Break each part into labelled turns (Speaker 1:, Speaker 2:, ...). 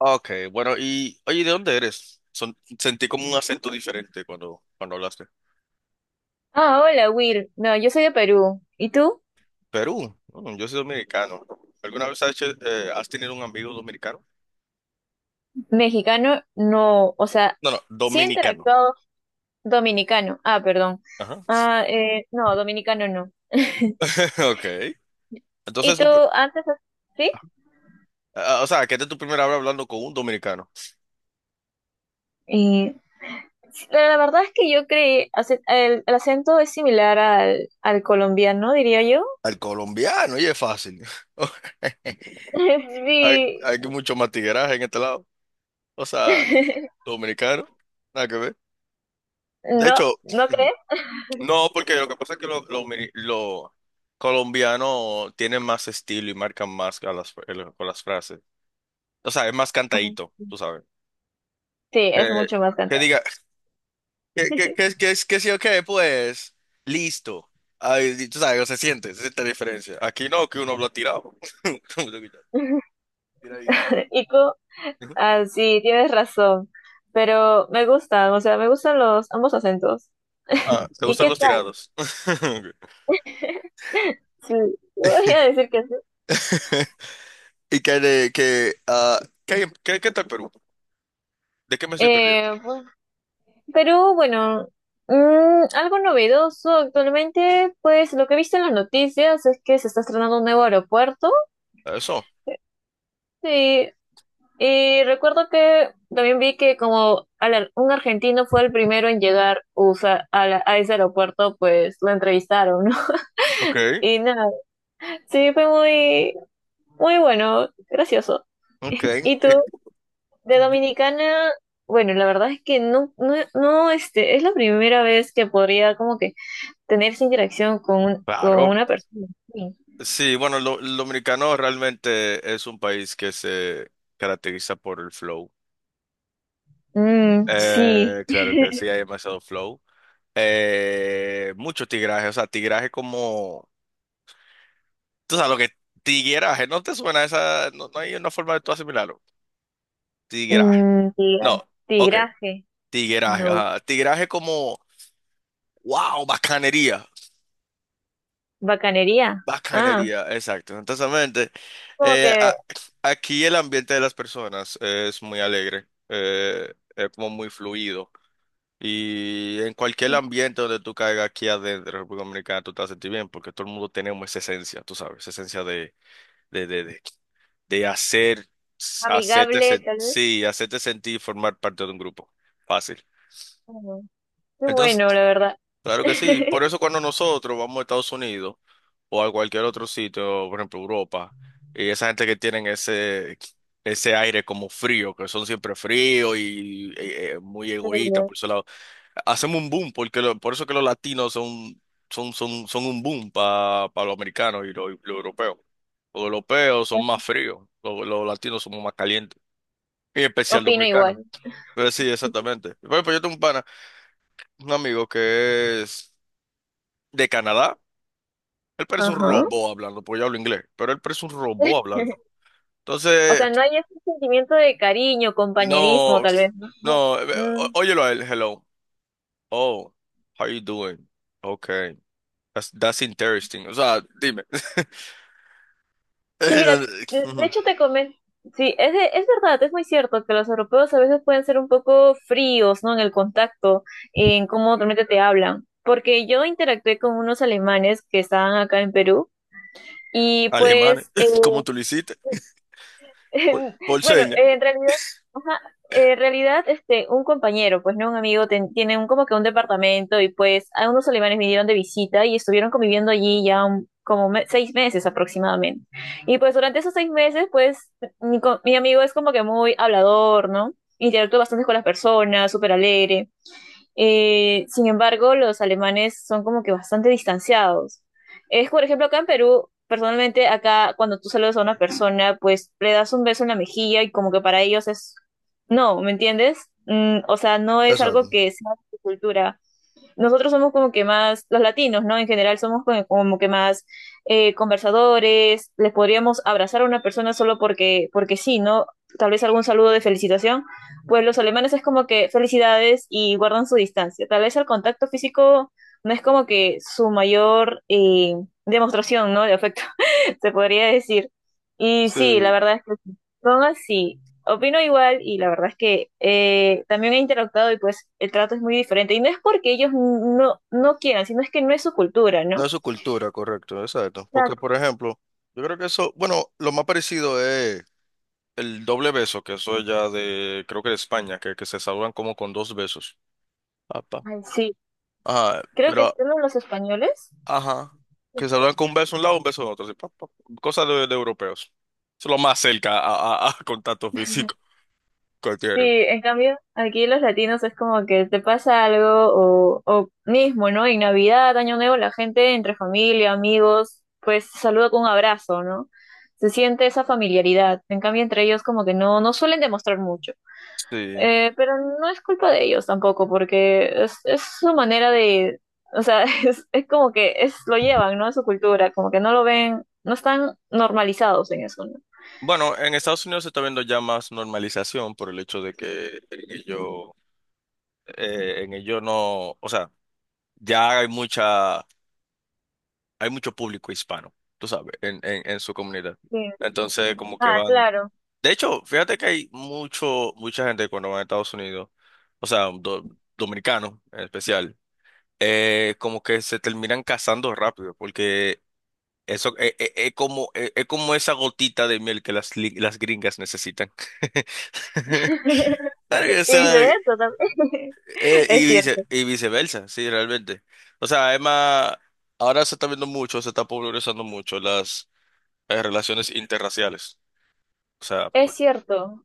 Speaker 1: Ah, ok, bueno, y oye, ¿de dónde eres? Sentí como un acento diferente cuando hablaste.
Speaker 2: Ah, hola Will. No, yo soy de Perú. ¿Y tú?
Speaker 1: Perú. Mm, yo soy dominicano. ¿Alguna vez has tenido un amigo dominicano?
Speaker 2: Mexicano, no. O sea,
Speaker 1: No,
Speaker 2: sí he
Speaker 1: dominicano.
Speaker 2: interactuado dominicano. Ah, perdón.
Speaker 1: Ajá.
Speaker 2: Ah, no, dominicano no.
Speaker 1: Ok.
Speaker 2: ¿Y
Speaker 1: Entonces,
Speaker 2: tú antes? ¿Sí?
Speaker 1: o sea, que esta es tu primera vez hablando con un dominicano.
Speaker 2: Y la verdad es que yo creí, el acento es similar al, al colombiano, diría yo.
Speaker 1: Al colombiano, y es fácil. Hay
Speaker 2: Sí.
Speaker 1: mucho más tigueraje en este lado. O sea, dominicano, nada que ver. De
Speaker 2: ¿No?
Speaker 1: hecho,
Speaker 2: ¿No crees?
Speaker 1: no, porque lo que pasa es que los lo mi- lo colombianos tienen más estilo y marcan más a con las frases. O sea, es más
Speaker 2: Ajá.
Speaker 1: cantadito, tú sabes.
Speaker 2: Sí, es
Speaker 1: Eh,
Speaker 2: mucho más
Speaker 1: que
Speaker 2: cantante.
Speaker 1: diga, que sí o qué, pues, listo. Ay, y tú sabes, se siente la diferencia. Aquí no, que uno habla tirado. Tiradísimo.
Speaker 2: ¿Y tú? Ah, sí, tienes razón. Pero me gustan, o sea, me gustan los ambos acentos.
Speaker 1: Ah, ¿te
Speaker 2: ¿Y
Speaker 1: gustan
Speaker 2: qué
Speaker 1: los
Speaker 2: tal?
Speaker 1: tirados?
Speaker 2: Sí, no voy a decir que sí.
Speaker 1: ¿Y qué, de, qué ah, qué tal Perú? ¿De qué me estoy perdiendo?
Speaker 2: Eh, pues, Perú, bueno, algo novedoso actualmente, pues lo que he visto en las noticias es que se está estrenando un nuevo aeropuerto.
Speaker 1: Eso.
Speaker 2: Sí, y recuerdo que también vi que como un argentino fue el primero en llegar a, a ese aeropuerto, pues lo entrevistaron, ¿no?
Speaker 1: Ok,
Speaker 2: Y nada, sí, fue muy, muy bueno, gracioso.
Speaker 1: ok.
Speaker 2: ¿Y tú? De Dominicana, bueno, la verdad es que no, no, no, este, es la primera vez que podría como que tener esa interacción con, con
Speaker 1: Claro.
Speaker 2: una persona. Sí,
Speaker 1: Sí, bueno, lo dominicano realmente es un país que se caracteriza por el flow.
Speaker 2: mm, sí.
Speaker 1: Claro que sí, hay demasiado flow. Mucho tigraje, o sea, tigraje como... Tú sabes lo que... Tigueraje, ¿no te suena esa? No, no hay una forma de tú asimilarlo. Tigueraje.
Speaker 2: Mm,
Speaker 1: No, ok.
Speaker 2: tigraje,
Speaker 1: Tigueraje,
Speaker 2: no.
Speaker 1: ajá. Tigueraje como... ¡Wow! Bacanería.
Speaker 2: Bacanería, ah,
Speaker 1: Bacanería, exacto. Entonces,
Speaker 2: como
Speaker 1: eh, a-
Speaker 2: que
Speaker 1: aquí el ambiente de las personas es muy alegre, es como muy fluido. Y en cualquier ambiente donde tú caigas aquí adentro, en República Dominicana, tú te vas a sentir bien, porque todo el mundo tenemos esa esencia, tú sabes, esa esencia de, de, de, de hacer,
Speaker 2: amigable, tal vez.
Speaker 1: hacerte sentir y formar parte de un grupo. Fácil.
Speaker 2: Ujú. Qué
Speaker 1: Entonces,
Speaker 2: bueno, la verdad.
Speaker 1: claro que sí, por eso cuando nosotros vamos a Estados Unidos o a cualquier otro sitio, por ejemplo Europa, y esa gente que tienen ese aire como frío, que son siempre fríos y muy egoístas
Speaker 2: Pero
Speaker 1: por su lado, hacemos un boom, porque por eso que los latinos son un boom para los americanos y los europeos. Los europeos son más fríos, los latinos somos más calientes, y en especial los
Speaker 2: opino
Speaker 1: americanos.
Speaker 2: igual.
Speaker 1: Pero sí, exactamente. Por ejemplo, yo tengo un pana, un amigo que es de Canadá. Él parece un
Speaker 2: Ajá.
Speaker 1: robot hablando, porque yo hablo inglés, pero él parece un robot hablando.
Speaker 2: O
Speaker 1: Entonces,
Speaker 2: sea, no hay ese sentimiento de cariño, compañerismo,
Speaker 1: no,
Speaker 2: tal vez, ¿no?
Speaker 1: no, ó-
Speaker 2: Mm.
Speaker 1: óyelo a él, hello. Oh, how you doing? Okay, that's interesting. O sea, dime.
Speaker 2: Sí, mira, de
Speaker 1: Ujú.
Speaker 2: hecho te comento, sí, es, es verdad, es muy cierto que los europeos a veces pueden ser un poco fríos, ¿no? En el contacto, en cómo realmente te hablan, porque yo interactué con unos alemanes que estaban acá en Perú y
Speaker 1: Alemanes,
Speaker 2: pues
Speaker 1: ¿cómo tú lo hiciste? Por, por
Speaker 2: Bueno,
Speaker 1: señas.
Speaker 2: en realidad, ajá, en realidad, este, un compañero, pues no un amigo, tiene un, como que un departamento y pues a unos alemanes vinieron de visita y estuvieron conviviendo allí ya seis meses aproximadamente. Y pues durante esos seis meses, pues mi, mi amigo es como que muy hablador, ¿no? Interactúa bastante con las personas, súper alegre. Sin embargo, los alemanes son como que bastante distanciados. Es, por ejemplo, acá en Perú, personalmente, acá cuando tú saludas a una persona, pues le das un beso en la mejilla y como que para ellos es, no, ¿me entiendes? Mm, o sea, no es
Speaker 1: Exacto.
Speaker 2: algo que sea de su cultura. Nosotros somos como que más, los latinos, ¿no? En general somos como, como que más conversadores, les podríamos abrazar a una persona solo porque, porque sí, ¿no? Tal vez algún saludo de felicitación. Pues los alemanes es como que felicidades y guardan su distancia. Tal vez el contacto físico no es como que su mayor demostración, ¿no? De afecto, se podría decir. Y sí, la
Speaker 1: Sí,
Speaker 2: verdad es que son así. Opino igual y la verdad es que también he interactuado y pues el trato es muy diferente. Y no es porque ellos no, no quieran, sino es que no es su cultura,
Speaker 1: no
Speaker 2: ¿no?
Speaker 1: es su cultura, correcto, exacto. Porque,
Speaker 2: Exacto.
Speaker 1: por ejemplo, yo creo que eso, bueno, lo más parecido es el doble beso, que eso ya de, creo que de España, que se saludan como con dos besos. Papá.
Speaker 2: Ay, sí,
Speaker 1: Ah,
Speaker 2: creo que
Speaker 1: pero,
Speaker 2: solo los españoles.
Speaker 1: ajá. Que saludan con un beso de un lado, un beso de otro. Así, pa, pa. Cosas de europeos. Eso es lo más cerca a contacto físico que
Speaker 2: Sí,
Speaker 1: tienen.
Speaker 2: en cambio, aquí los latinos es como que te pasa algo o mismo, ¿no? En Navidad, Año Nuevo, la gente entre familia, amigos, pues saluda con un abrazo, ¿no? Se siente esa familiaridad. En cambio, entre ellos como que no, no suelen demostrar mucho.
Speaker 1: Sí.
Speaker 2: Pero no es culpa de ellos tampoco, porque es su manera de, o sea, es como que es, lo llevan, ¿no? Es su cultura, como que no lo ven, no están normalizados en eso, ¿no?
Speaker 1: Bueno, en Estados Unidos se está viendo ya más normalización por el hecho de que en ello no, o sea, ya hay mucha, hay mucho público hispano, tú sabes, en su comunidad.
Speaker 2: Sí.
Speaker 1: Entonces, como que
Speaker 2: Ah,
Speaker 1: van.
Speaker 2: claro.
Speaker 1: De hecho, fíjate que hay mucha gente cuando va a Estados Unidos, o sea, dominicanos en especial, como que se terminan casando rápido, porque eso es como esa gotita de miel que las gringas necesitan. Claro que
Speaker 2: Y
Speaker 1: sea,
Speaker 2: viceversa también. Es cierto.
Speaker 1: viceversa, sí, realmente. O sea, además, ahora se está viendo mucho, se está popularizando mucho las relaciones interraciales. O sea,
Speaker 2: Es
Speaker 1: por...
Speaker 2: cierto.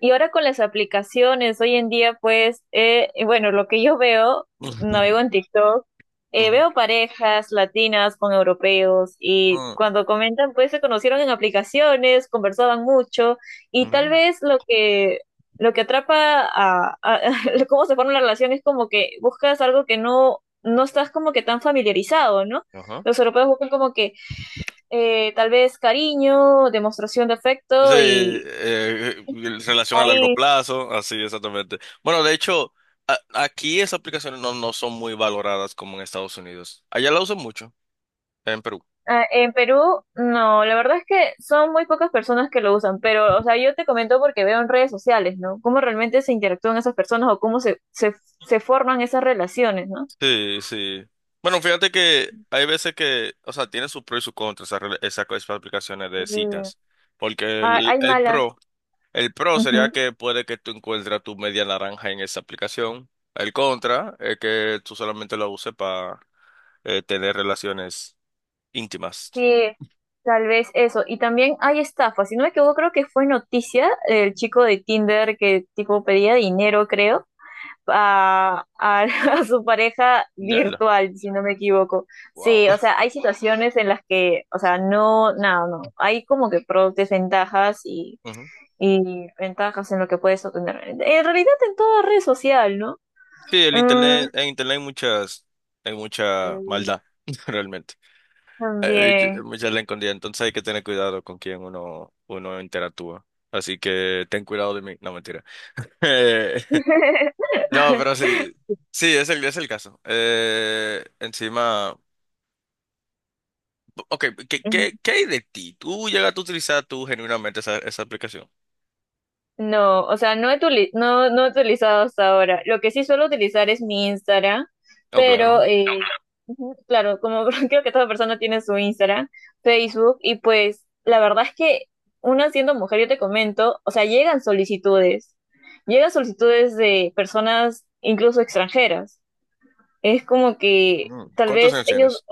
Speaker 2: Y ahora con las aplicaciones, hoy en día, pues, bueno, lo que yo veo, navego en TikTok,
Speaker 1: Ujú,
Speaker 2: veo parejas latinas con europeos y
Speaker 1: ujú,
Speaker 2: cuando comentan, pues se conocieron en aplicaciones, conversaban mucho y tal
Speaker 1: ujú,
Speaker 2: vez lo que atrapa cómo se forma la relación es como que buscas algo que no, no estás como que tan familiarizado, ¿no?
Speaker 1: ujú, ajá.
Speaker 2: Los europeos buscan como que tal vez cariño, demostración de
Speaker 1: Sí,
Speaker 2: afecto y...
Speaker 1: en relación a largo
Speaker 2: ahí.
Speaker 1: plazo, así exactamente. Bueno, de hecho, aquí esas aplicaciones no, no son muy valoradas como en Estados Unidos. Allá la usan mucho, en Perú.
Speaker 2: Ah, en Perú, no, la verdad es que son muy pocas personas que lo usan, pero, o sea, yo te comento porque veo en redes sociales, ¿no? Cómo realmente se interactúan esas personas o cómo se, se, se forman esas relaciones, ¿no?
Speaker 1: Sí, sí. Bueno, fíjate que hay veces que, o sea, tiene sus pros y sus contras esas, rela- esas co- esas aplicaciones de
Speaker 2: Y,
Speaker 1: citas. Porque
Speaker 2: ah,
Speaker 1: el,
Speaker 2: hay
Speaker 1: el
Speaker 2: malas,
Speaker 1: pro, el pro sería
Speaker 2: ujú,
Speaker 1: que puede que tú encuentres tu media naranja en esa aplicación. El contra es que tú solamente la uses para tener relaciones íntimas.
Speaker 2: sí, tal vez eso. Y también hay estafas, si no me equivoco, creo que fue noticia el chico de Tinder que tipo pedía dinero, creo a, a- a su pareja
Speaker 1: Ya,
Speaker 2: virtual, si no me equivoco.
Speaker 1: wow.
Speaker 2: Sí, o sea, hay situaciones en las que, o sea, no, no, no, hay como que pros, desventajas
Speaker 1: Ujú.
Speaker 2: y ventajas en lo que puedes obtener. En realidad en toda red social, ¿no?
Speaker 1: Sí, el
Speaker 2: Mm,
Speaker 1: internet, en internet hay muchas, hay mucha maldad, realmente. Hay
Speaker 2: también.
Speaker 1: mucha la escondida, entonces hay que tener cuidado con quién uno interactúa. Así que ten cuidado de mí. No, mentira. Eh, no, pero sí, sí, es es el caso. Encima, ok, ¿qué hay de ti? ¿Tú llegaste a utilizar tú genuinamente esa aplicación?
Speaker 2: No, o sea, no, no he utilizado hasta ahora. Lo que sí suelo utilizar es mi Instagram,
Speaker 1: Oh,
Speaker 2: pero
Speaker 1: claro.
Speaker 2: ujú, claro, como creo que toda persona tiene su Instagram, Facebook, y pues la verdad es que una siendo mujer, yo te comento, o sea, llegan solicitudes de personas incluso extranjeras. Es como que
Speaker 1: Mm.
Speaker 2: tal
Speaker 1: ¿Cuántos
Speaker 2: vez
Speaker 1: años
Speaker 2: ellos
Speaker 1: tienes?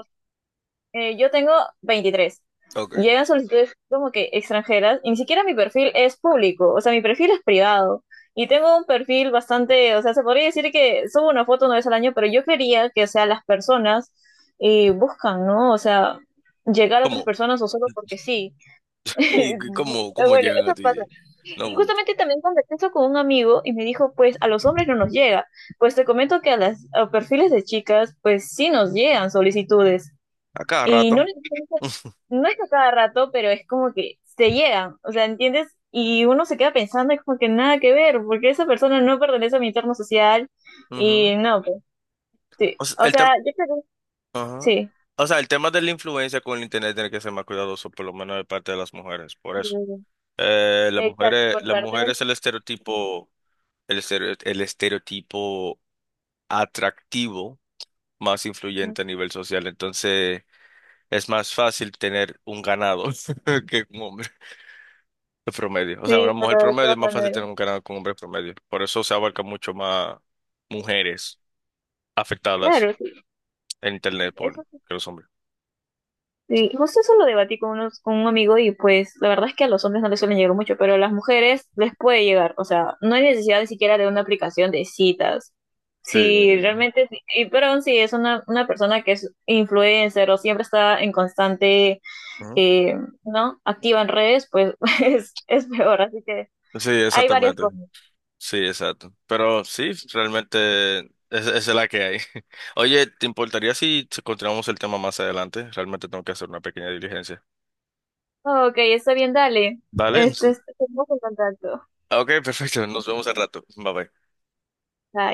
Speaker 2: yo tengo 23.
Speaker 1: Ok.
Speaker 2: Llegan solicitudes como que extranjeras y ni siquiera mi perfil es público, o sea, mi perfil es privado. Y tengo un perfil bastante, o sea, se podría decir que subo una foto una vez al año, pero yo creería que, o sea, las personas buscan, ¿no? O sea, llegar a otras
Speaker 1: ¿Cómo?
Speaker 2: personas o solo porque sí.
Speaker 1: ¿Y cómo, cómo
Speaker 2: Bueno,
Speaker 1: llegan
Speaker 2: eso
Speaker 1: a
Speaker 2: pasa.
Speaker 1: ti?
Speaker 2: Y
Speaker 1: No,
Speaker 2: justamente también conversé eso con un amigo y me dijo, pues a los hombres no nos llega. Pues te comento que a las a perfiles de chicas, pues sí nos llegan solicitudes.
Speaker 1: a cada
Speaker 2: Y
Speaker 1: rato.
Speaker 2: no, no es a cada rato, pero es como que se llegan, o sea, ¿entiendes? Y uno se queda pensando, es como que nada que ver, porque esa persona no pertenece a mi entorno social y
Speaker 1: Ujú.
Speaker 2: no, pues sí.
Speaker 1: O sea,
Speaker 2: O
Speaker 1: el
Speaker 2: sea,
Speaker 1: tem-
Speaker 2: yo creo que
Speaker 1: ajá.
Speaker 2: sí.
Speaker 1: O sea, el tema de la influencia con el internet tiene que ser más cuidadoso, por lo menos de parte de las mujeres. Por eso,
Speaker 2: Exacto, por
Speaker 1: las
Speaker 2: parte del...
Speaker 1: mujeres el estereotipo, el estereotipo atractivo más influyente a nivel social. Entonces, es más fácil tener un ganado que un hombre de promedio. O sea,
Speaker 2: Sí,
Speaker 1: una mujer
Speaker 2: pero de
Speaker 1: promedio es
Speaker 2: todas
Speaker 1: más fácil
Speaker 2: maneras.
Speaker 1: tener un ganado que un hombre promedio. Por eso se abarca mucho más mujeres afectadas
Speaker 2: Claro, sí.
Speaker 1: en internet por
Speaker 2: Eso
Speaker 1: que los hombres.
Speaker 2: sí, justo eso lo debatí con, unos, con un amigo y pues la verdad es que a los hombres no les suelen llegar mucho, pero a las mujeres les puede llegar, o sea, no hay necesidad ni siquiera de una aplicación de citas.
Speaker 1: Sí,
Speaker 2: Sí, realmente, y, pero aún si es una persona que es influencer o siempre está en constante,
Speaker 1: ajá.
Speaker 2: eh, ¿no? Activa en redes, pues es peor, así que
Speaker 1: Sí,
Speaker 2: hay varias
Speaker 1: exactamente.
Speaker 2: formas.
Speaker 1: Sí, exacto. Pero sí, esa es la que hay. Oye, ¿te importaría si continuamos el tema más adelante? Realmente tengo que hacer una pequeña diligencia.
Speaker 2: Ok, está bien, dale.
Speaker 1: Vale.
Speaker 2: Este,
Speaker 1: Entonces,
Speaker 2: estamos en contacto.
Speaker 1: ok, perfecto. Nos vemos al rato. Bye bye.
Speaker 2: Bye.